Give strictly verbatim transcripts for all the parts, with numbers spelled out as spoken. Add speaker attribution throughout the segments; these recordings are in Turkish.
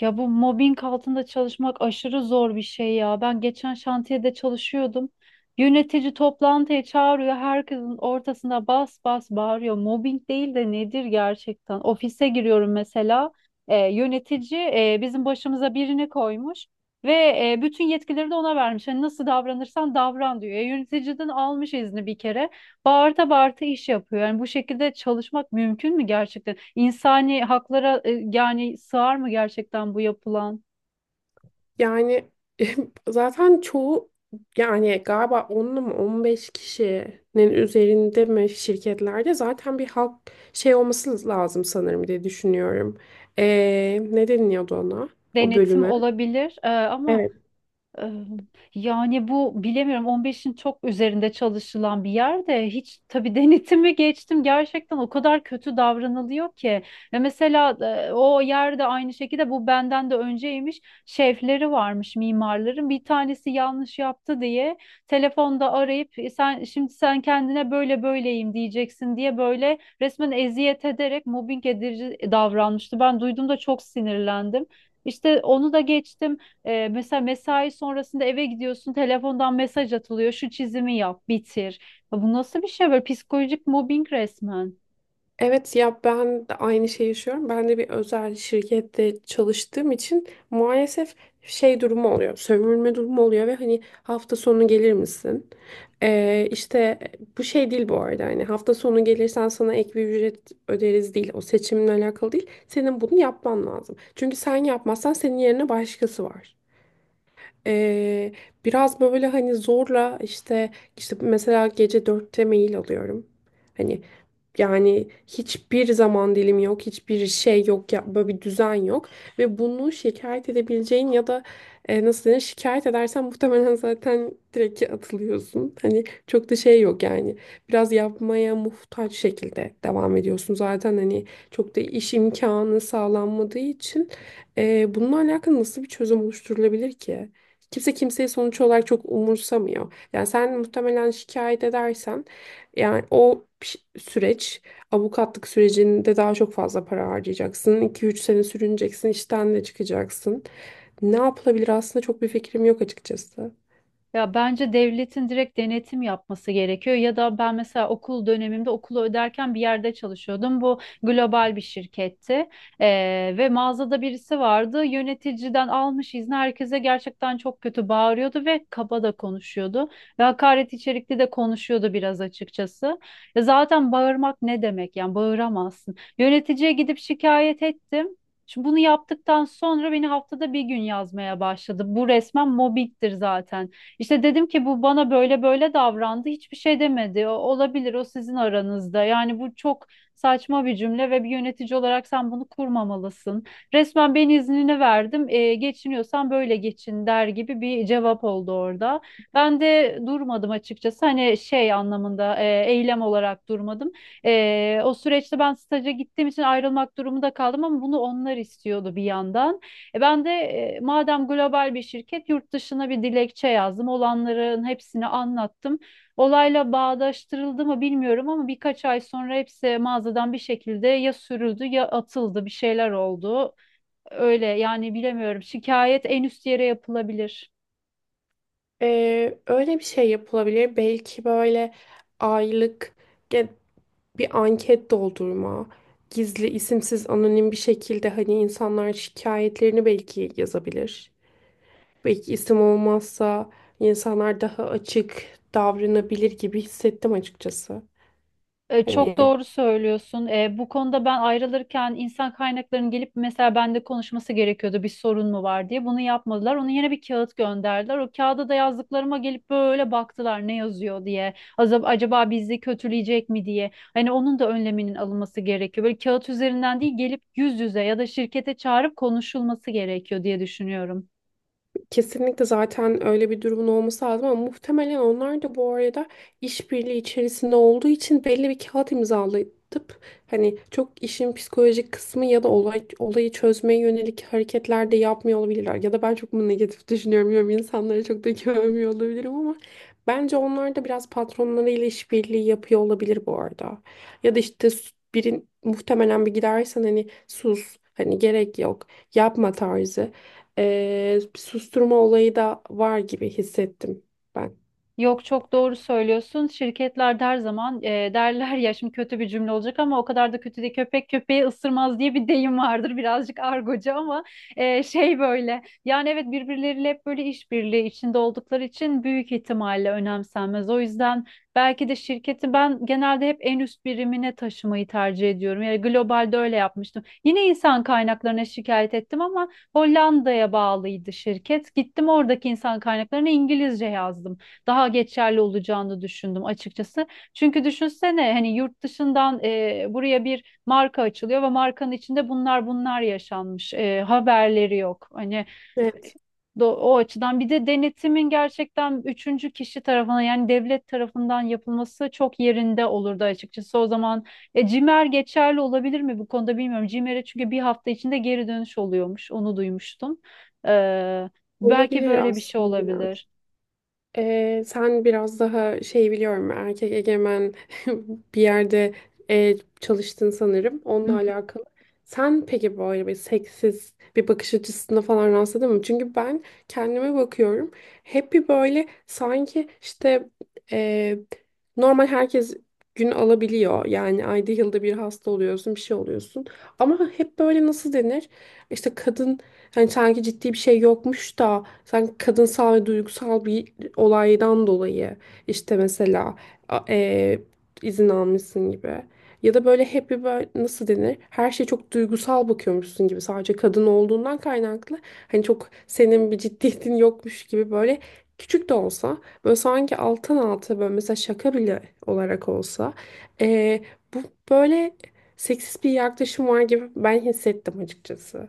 Speaker 1: Ya bu mobbing altında çalışmak aşırı zor bir şey ya. Ben geçen şantiyede çalışıyordum. Yönetici toplantıya çağırıyor. Herkesin ortasında bas bas bağırıyor. Mobbing değil de nedir gerçekten? Ofise giriyorum mesela. E, yönetici e, bizim başımıza birini koymuş ve e, bütün yetkileri de ona vermiş. Hani nasıl davranırsan davran diyor. E, yöneticiden almış izni bir kere bağırta bağırta iş yapıyor. Yani bu şekilde çalışmak mümkün mü gerçekten? İnsani haklara e, yani sığar mı gerçekten bu yapılan?
Speaker 2: Yani, zaten çoğu, yani galiba onlu on beş kişinin üzerinde mi şirketlerde zaten bir halk şey olması lazım sanırım diye düşünüyorum. Ee, ne deniliyordu ona? O
Speaker 1: Denetim
Speaker 2: bölüme.
Speaker 1: olabilir e, ama
Speaker 2: Evet.
Speaker 1: Eee, yani bu bilemiyorum on beşin çok üzerinde çalışılan bir yerde hiç tabii denetimi geçtim, gerçekten o kadar kötü davranılıyor ki. Ve mesela e, o yerde aynı şekilde bu benden de önceymiş, şefleri varmış, mimarların bir tanesi yanlış yaptı diye telefonda arayıp "E, sen şimdi sen kendine böyle böyleyim diyeceksin" diye böyle resmen eziyet ederek mobbing edici davranmıştı. Ben duyduğumda çok sinirlendim. İşte onu da geçtim. Ee, mesela mesai sonrasında eve gidiyorsun, telefondan mesaj atılıyor: "Şu çizimi yap, bitir." Ya bu nasıl bir şey böyle? Psikolojik mobbing resmen.
Speaker 2: Evet ya, ben de aynı şeyi yaşıyorum. Ben de bir özel şirkette çalıştığım için maalesef şey durumu oluyor. Sömürme durumu oluyor ve hani hafta sonu gelir misin? Ee, işte bu şey değil bu arada, hani hafta sonu gelirsen sana ek bir ücret öderiz değil. O seçiminle alakalı değil. Senin bunu yapman lazım, çünkü sen yapmazsan senin yerine başkası var. Ee, Biraz böyle hani zorla, işte işte mesela gece dörtte mail alıyorum. Hani yani hiçbir zaman dilim yok, hiçbir şey yok, ya, böyle bir düzen yok. Ve bunu şikayet edebileceğin ya da, e, nasıl denir, şikayet edersen muhtemelen zaten direkt atılıyorsun. Hani çok da şey yok yani. Biraz yapmaya muhtaç şekilde devam ediyorsun. Zaten hani çok da iş imkanı sağlanmadığı için, e, bununla alakalı nasıl bir çözüm oluşturulabilir ki? Kimse kimseyi sonuç olarak çok umursamıyor. Yani sen muhtemelen şikayet edersen, yani o ş- süreç, avukatlık sürecinde daha çok fazla para harcayacaksın. iki üç sene sürüneceksin, işten de çıkacaksın. Ne yapılabilir aslında, çok bir fikrim yok açıkçası.
Speaker 1: Ya bence devletin direkt denetim yapması gerekiyor. Ya da ben mesela okul dönemimde okulu öderken bir yerde çalışıyordum. Bu global bir şirketti. Ee, ve mağazada birisi vardı, yöneticiden almış izni, herkese gerçekten çok kötü bağırıyordu ve kaba da konuşuyordu ve hakaret içerikli de konuşuyordu biraz açıkçası. E zaten bağırmak ne demek? Yani bağıramazsın. Yöneticiye gidip şikayet ettim. Şimdi bunu yaptıktan sonra beni haftada bir gün yazmaya başladı. Bu resmen mobbingdir zaten. İşte dedim ki bu bana böyle böyle davrandı. Hiçbir şey demedi. "O, olabilir, o sizin aranızda." Yani bu çok saçma bir cümle ve bir yönetici olarak sen bunu kurmamalısın. Resmen ben iznini verdim, E, geçiniyorsan böyle geçin der gibi bir cevap oldu orada. Ben de durmadım açıkçası. Hani şey anlamında e, eylem olarak durmadım. E, o süreçte ben staja gittiğim için ayrılmak durumunda kaldım ama bunu onlar istiyordu bir yandan. E ben de e, madem global bir şirket, yurt dışına bir dilekçe yazdım. Olanların hepsini anlattım. Olayla bağdaştırıldı mı bilmiyorum ama birkaç ay sonra hepsi mağazadan bir şekilde ya sürüldü ya atıldı, bir şeyler oldu. Öyle yani bilemiyorum. Şikayet en üst yere yapılabilir.
Speaker 2: Ee, öyle bir şey yapılabilir. Belki böyle aylık ge- bir anket doldurma, gizli, isimsiz, anonim bir şekilde hani insanlar şikayetlerini belki yazabilir. Belki isim olmazsa insanlar daha açık davranabilir gibi hissettim açıkçası.
Speaker 1: E, Çok
Speaker 2: Hani
Speaker 1: doğru söylüyorsun. E, bu konuda ben ayrılırken insan kaynaklarının gelip mesela bende konuşması gerekiyordu, bir sorun mu var diye. Bunu yapmadılar. Onu yine bir kağıt gönderdiler. O kağıda da yazdıklarıma gelip böyle baktılar ne yazıyor diye. Acaba, acaba bizi kötüleyecek mi diye. Hani onun da önleminin alınması gerekiyor. Böyle kağıt üzerinden değil, gelip yüz yüze ya da şirkete çağırıp konuşulması gerekiyor diye düşünüyorum.
Speaker 2: kesinlikle zaten öyle bir durumun olması lazım, ama muhtemelen onlar da bu arada işbirliği içerisinde olduğu için belli bir kağıt imzalatıp, hani çok işin psikolojik kısmı ya da olay, olayı çözmeye yönelik hareketler de yapmıyor olabilirler. Ya da ben çok mu negatif düşünüyorum? Yani insanları çok da güvenmiyor olabilirim, ama bence onlar da biraz patronlarıyla işbirliği yapıyor olabilir bu arada. Ya da işte birin muhtemelen bir gidersen hani sus, hani gerek yok, yapma tarzı, e, bir susturma olayı da var gibi hissettim ben.
Speaker 1: Yok, çok doğru söylüyorsun. Şirketler de her zaman e, derler ya, şimdi kötü bir cümle olacak ama o kadar da kötü değil. Köpek köpeği ısırmaz diye bir deyim vardır, birazcık argocu ama e, şey böyle. Yani evet, birbirleriyle hep böyle işbirliği içinde oldukları için büyük ihtimalle önemsenmez. O yüzden belki de şirketi ben genelde hep en üst birimine taşımayı tercih ediyorum. Yani globalde öyle yapmıştım. Yine insan kaynaklarına şikayet ettim ama Hollanda'ya bağlıydı şirket. Gittim oradaki insan kaynaklarına İngilizce yazdım, daha geçerli olacağını düşündüm açıkçası. Çünkü düşünsene, hani yurt dışından e, buraya bir marka açılıyor ve markanın içinde bunlar bunlar yaşanmış. E, haberleri yok. Hani
Speaker 2: Evet,
Speaker 1: do- o açıdan bir de denetimin gerçekten üçüncü kişi tarafından yani devlet tarafından yapılması çok yerinde olurdu açıkçası. O zaman e, CİMER geçerli olabilir mi bu konuda bilmiyorum. CİMER'e çünkü bir hafta içinde geri dönüş oluyormuş, onu duymuştum. Ee, belki
Speaker 2: olabilir
Speaker 1: böyle bir şey
Speaker 2: aslında biraz.
Speaker 1: olabilir.
Speaker 2: Ee, sen biraz daha şey biliyorum, erkek egemen bir yerde e, çalıştın sanırım, onunla alakalı. Sen peki böyle bir seksiz bir bakış açısına falan rastladın mı? Çünkü ben kendime bakıyorum hep bir böyle, sanki işte, e, normal herkes gün alabiliyor. Yani ayda yılda bir hasta oluyorsun, bir şey oluyorsun. Ama hep böyle nasıl denir? İşte kadın, hani sanki ciddi bir şey yokmuş da sanki kadınsal ve duygusal bir olaydan dolayı işte mesela a- e, izin almışsın gibi, ya da böyle hep bir böyle nasıl denir, her şeye çok duygusal bakıyormuşsun gibi, sadece kadın olduğundan kaynaklı, hani çok senin bir ciddiyetin yokmuş gibi, böyle küçük de olsa, böyle sanki alttan alta, böyle mesela şaka bile olarak olsa, e, bu böyle seksist bir yaklaşım var gibi ben hissettim açıkçası.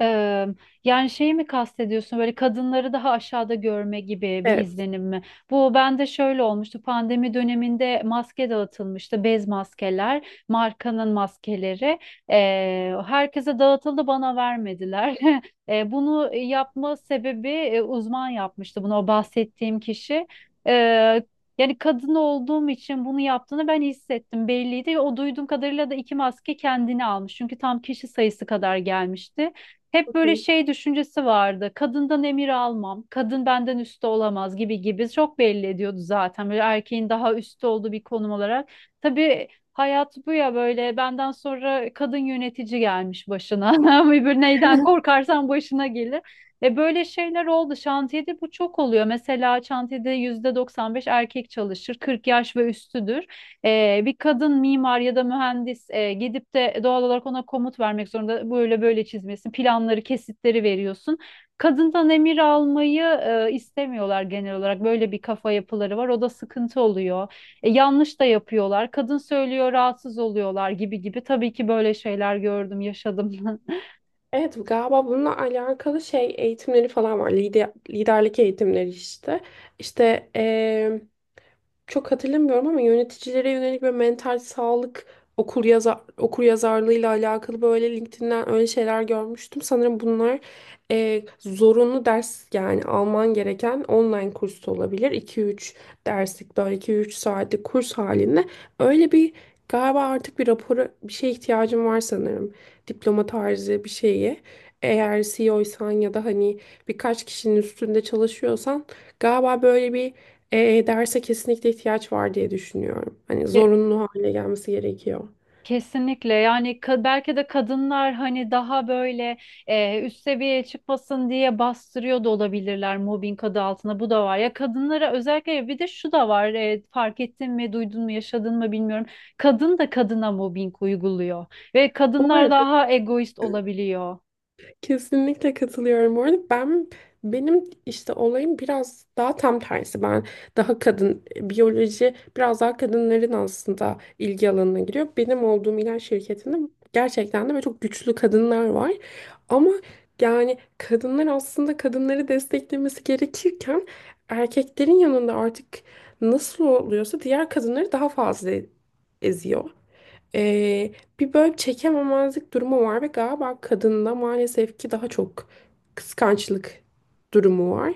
Speaker 1: Eee, yani şeyi mi kastediyorsun, böyle kadınları daha aşağıda görme gibi bir
Speaker 2: Evet.
Speaker 1: izlenim mi? Bu bende şöyle olmuştu: pandemi döneminde maske dağıtılmıştı, bez maskeler, markanın maskeleri. Eee, herkese dağıtıldı, bana vermediler. Eee, bunu yapma sebebi, e, uzman yapmıştı bunu, o bahsettiğim kişi. Eee, Yani kadın olduğum için bunu yaptığını ben hissettim, belliydi. O duyduğum kadarıyla da iki maske kendini almış. Çünkü tam kişi sayısı kadar gelmişti. Hep böyle
Speaker 2: Hı.
Speaker 1: şey düşüncesi vardı: kadından emir almam, kadın benden üstte olamaz gibi gibi, çok belli ediyordu zaten. Böyle erkeğin daha üstte olduğu bir konum olarak. Tabii hayat bu ya, böyle benden sonra kadın yönetici gelmiş başına. Bir, neyden korkarsan başına gelir. Ve böyle şeyler oldu. Şantiyede bu çok oluyor. Mesela şantiyede yüzde doksan beş erkek çalışır. kırk yaş ve üstüdür. Ee, bir kadın mimar ya da mühendis e, gidip de doğal olarak ona komut vermek zorunda. Böyle böyle çizmesin planları, kesitleri veriyorsun. Kadından emir almayı e, istemiyorlar. Genel olarak böyle bir kafa yapıları var, o da sıkıntı oluyor. E, yanlış da yapıyorlar, kadın söylüyor, rahatsız oluyorlar gibi gibi. Tabii ki böyle şeyler gördüm, yaşadım.
Speaker 2: Evet, galiba bununla alakalı şey eğitimleri falan var. Lider, liderlik eğitimleri işte. İşte çok hatırlamıyorum, ama yöneticilere yönelik böyle mental sağlık okur yazar okur yazarlığıyla alakalı böyle LinkedIn'den öyle şeyler görmüştüm. Sanırım bunlar e, zorunlu ders, yani alman gereken online kurs da olabilir. iki üç derslik, böyle iki üç saatlik kurs halinde, öyle bir, galiba artık bir rapora, bir şeye ihtiyacım var sanırım. Diploma tarzı bir şeyi. Eğer C E O'ysan ya da hani birkaç kişinin üstünde çalışıyorsan, galiba böyle bir, e, E derse kesinlikle ihtiyaç var diye düşünüyorum. Hani zorunlu hale gelmesi gerekiyor.
Speaker 1: Kesinlikle. Yani ka- belki de kadınlar hani daha böyle e, üst seviyeye çıkmasın diye bastırıyor da olabilirler mobbing adı altında. Bu da var ya, kadınlara özellikle. Bir de şu da var, e, fark ettin mi, duydun mu, yaşadın mı bilmiyorum, kadın da kadına mobbing uyguluyor ve
Speaker 2: Bu
Speaker 1: kadınlar
Speaker 2: arada,
Speaker 1: daha egoist olabiliyor.
Speaker 2: kesinlikle katılıyorum. Bu arada ben benim işte olayım biraz daha tam tersi. Ben daha kadın biyoloji, biraz daha kadınların aslında ilgi alanına giriyor. Benim olduğum ilaç şirketinde gerçekten de böyle çok güçlü kadınlar var. Ama yani kadınlar aslında kadınları desteklemesi gerekirken, erkeklerin yanında artık nasıl oluyorsa diğer kadınları daha fazla eziyor. Ee, Bir böyle çekememezlik durumu var ve galiba kadında maalesef ki daha çok kıskançlık durumu var.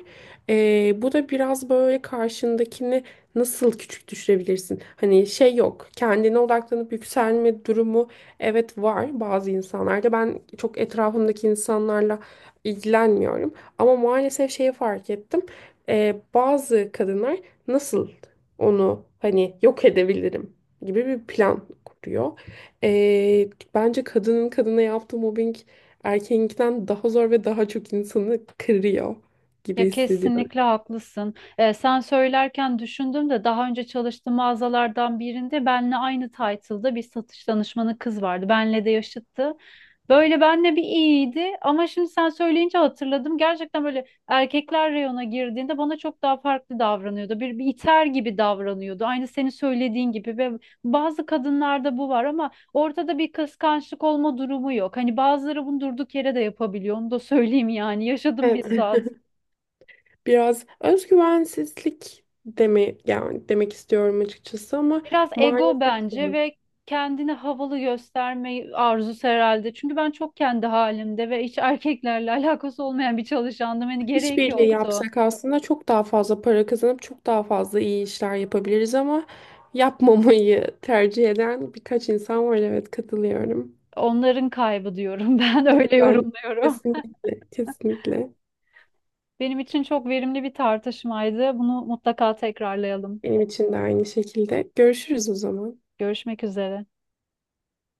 Speaker 2: Ee, bu da biraz böyle karşındakini nasıl küçük düşürebilirsin? Hani şey yok, kendine odaklanıp yükselme durumu, evet, var bazı insanlarda. Ben çok etrafımdaki insanlarla ilgilenmiyorum, ama maalesef şeyi fark ettim. Ee, bazı kadınlar nasıl onu hani yok edebilirim gibi bir plan kuruyor. Ee, bence kadının kadına yaptığı mobbing erkeğinkinden daha zor ve daha çok insanı kırıyor gibi
Speaker 1: Ya
Speaker 2: hissediyorum.
Speaker 1: kesinlikle haklısın. Ee, sen söylerken düşündüm de, daha önce çalıştığım mağazalardan birinde benle aynı title'da bir satış danışmanı kız vardı. Benle de yaşıttı. Böyle benle bir iyiydi ama şimdi sen söyleyince hatırladım: gerçekten böyle erkekler reyona girdiğinde bana çok daha farklı davranıyordu. Bir, bir iter gibi davranıyordu, aynı senin söylediğin gibi. Ve bazı kadınlarda bu var ama ortada bir kıskançlık olma durumu yok. Hani bazıları bunu durduk yere de yapabiliyor. Onu da söyleyeyim, yani yaşadım
Speaker 2: Evet.
Speaker 1: bizzat.
Speaker 2: Biraz özgüvensizlik deme, yani demek istiyorum açıkçası, ama
Speaker 1: Biraz ego
Speaker 2: maalesef
Speaker 1: bence
Speaker 2: zor.
Speaker 1: ve kendini havalı gösterme arzusu herhalde. Çünkü ben çok kendi halimde ve hiç erkeklerle alakası olmayan bir çalışandım. Hani gerek
Speaker 2: İşbirliği
Speaker 1: yoktu.
Speaker 2: yapsak aslında çok daha fazla para kazanıp çok daha fazla iyi işler yapabiliriz, ama yapmamayı tercih eden birkaç insan var. Evet, katılıyorum.
Speaker 1: Onların kaybı diyorum, ben
Speaker 2: Evet,
Speaker 1: öyle
Speaker 2: ben
Speaker 1: yorumluyorum.
Speaker 2: kesinlikle, kesinlikle.
Speaker 1: Benim için çok verimli bir tartışmaydı. Bunu mutlaka tekrarlayalım.
Speaker 2: Benim için de aynı şekilde. Görüşürüz o zaman.
Speaker 1: Görüşmek üzere.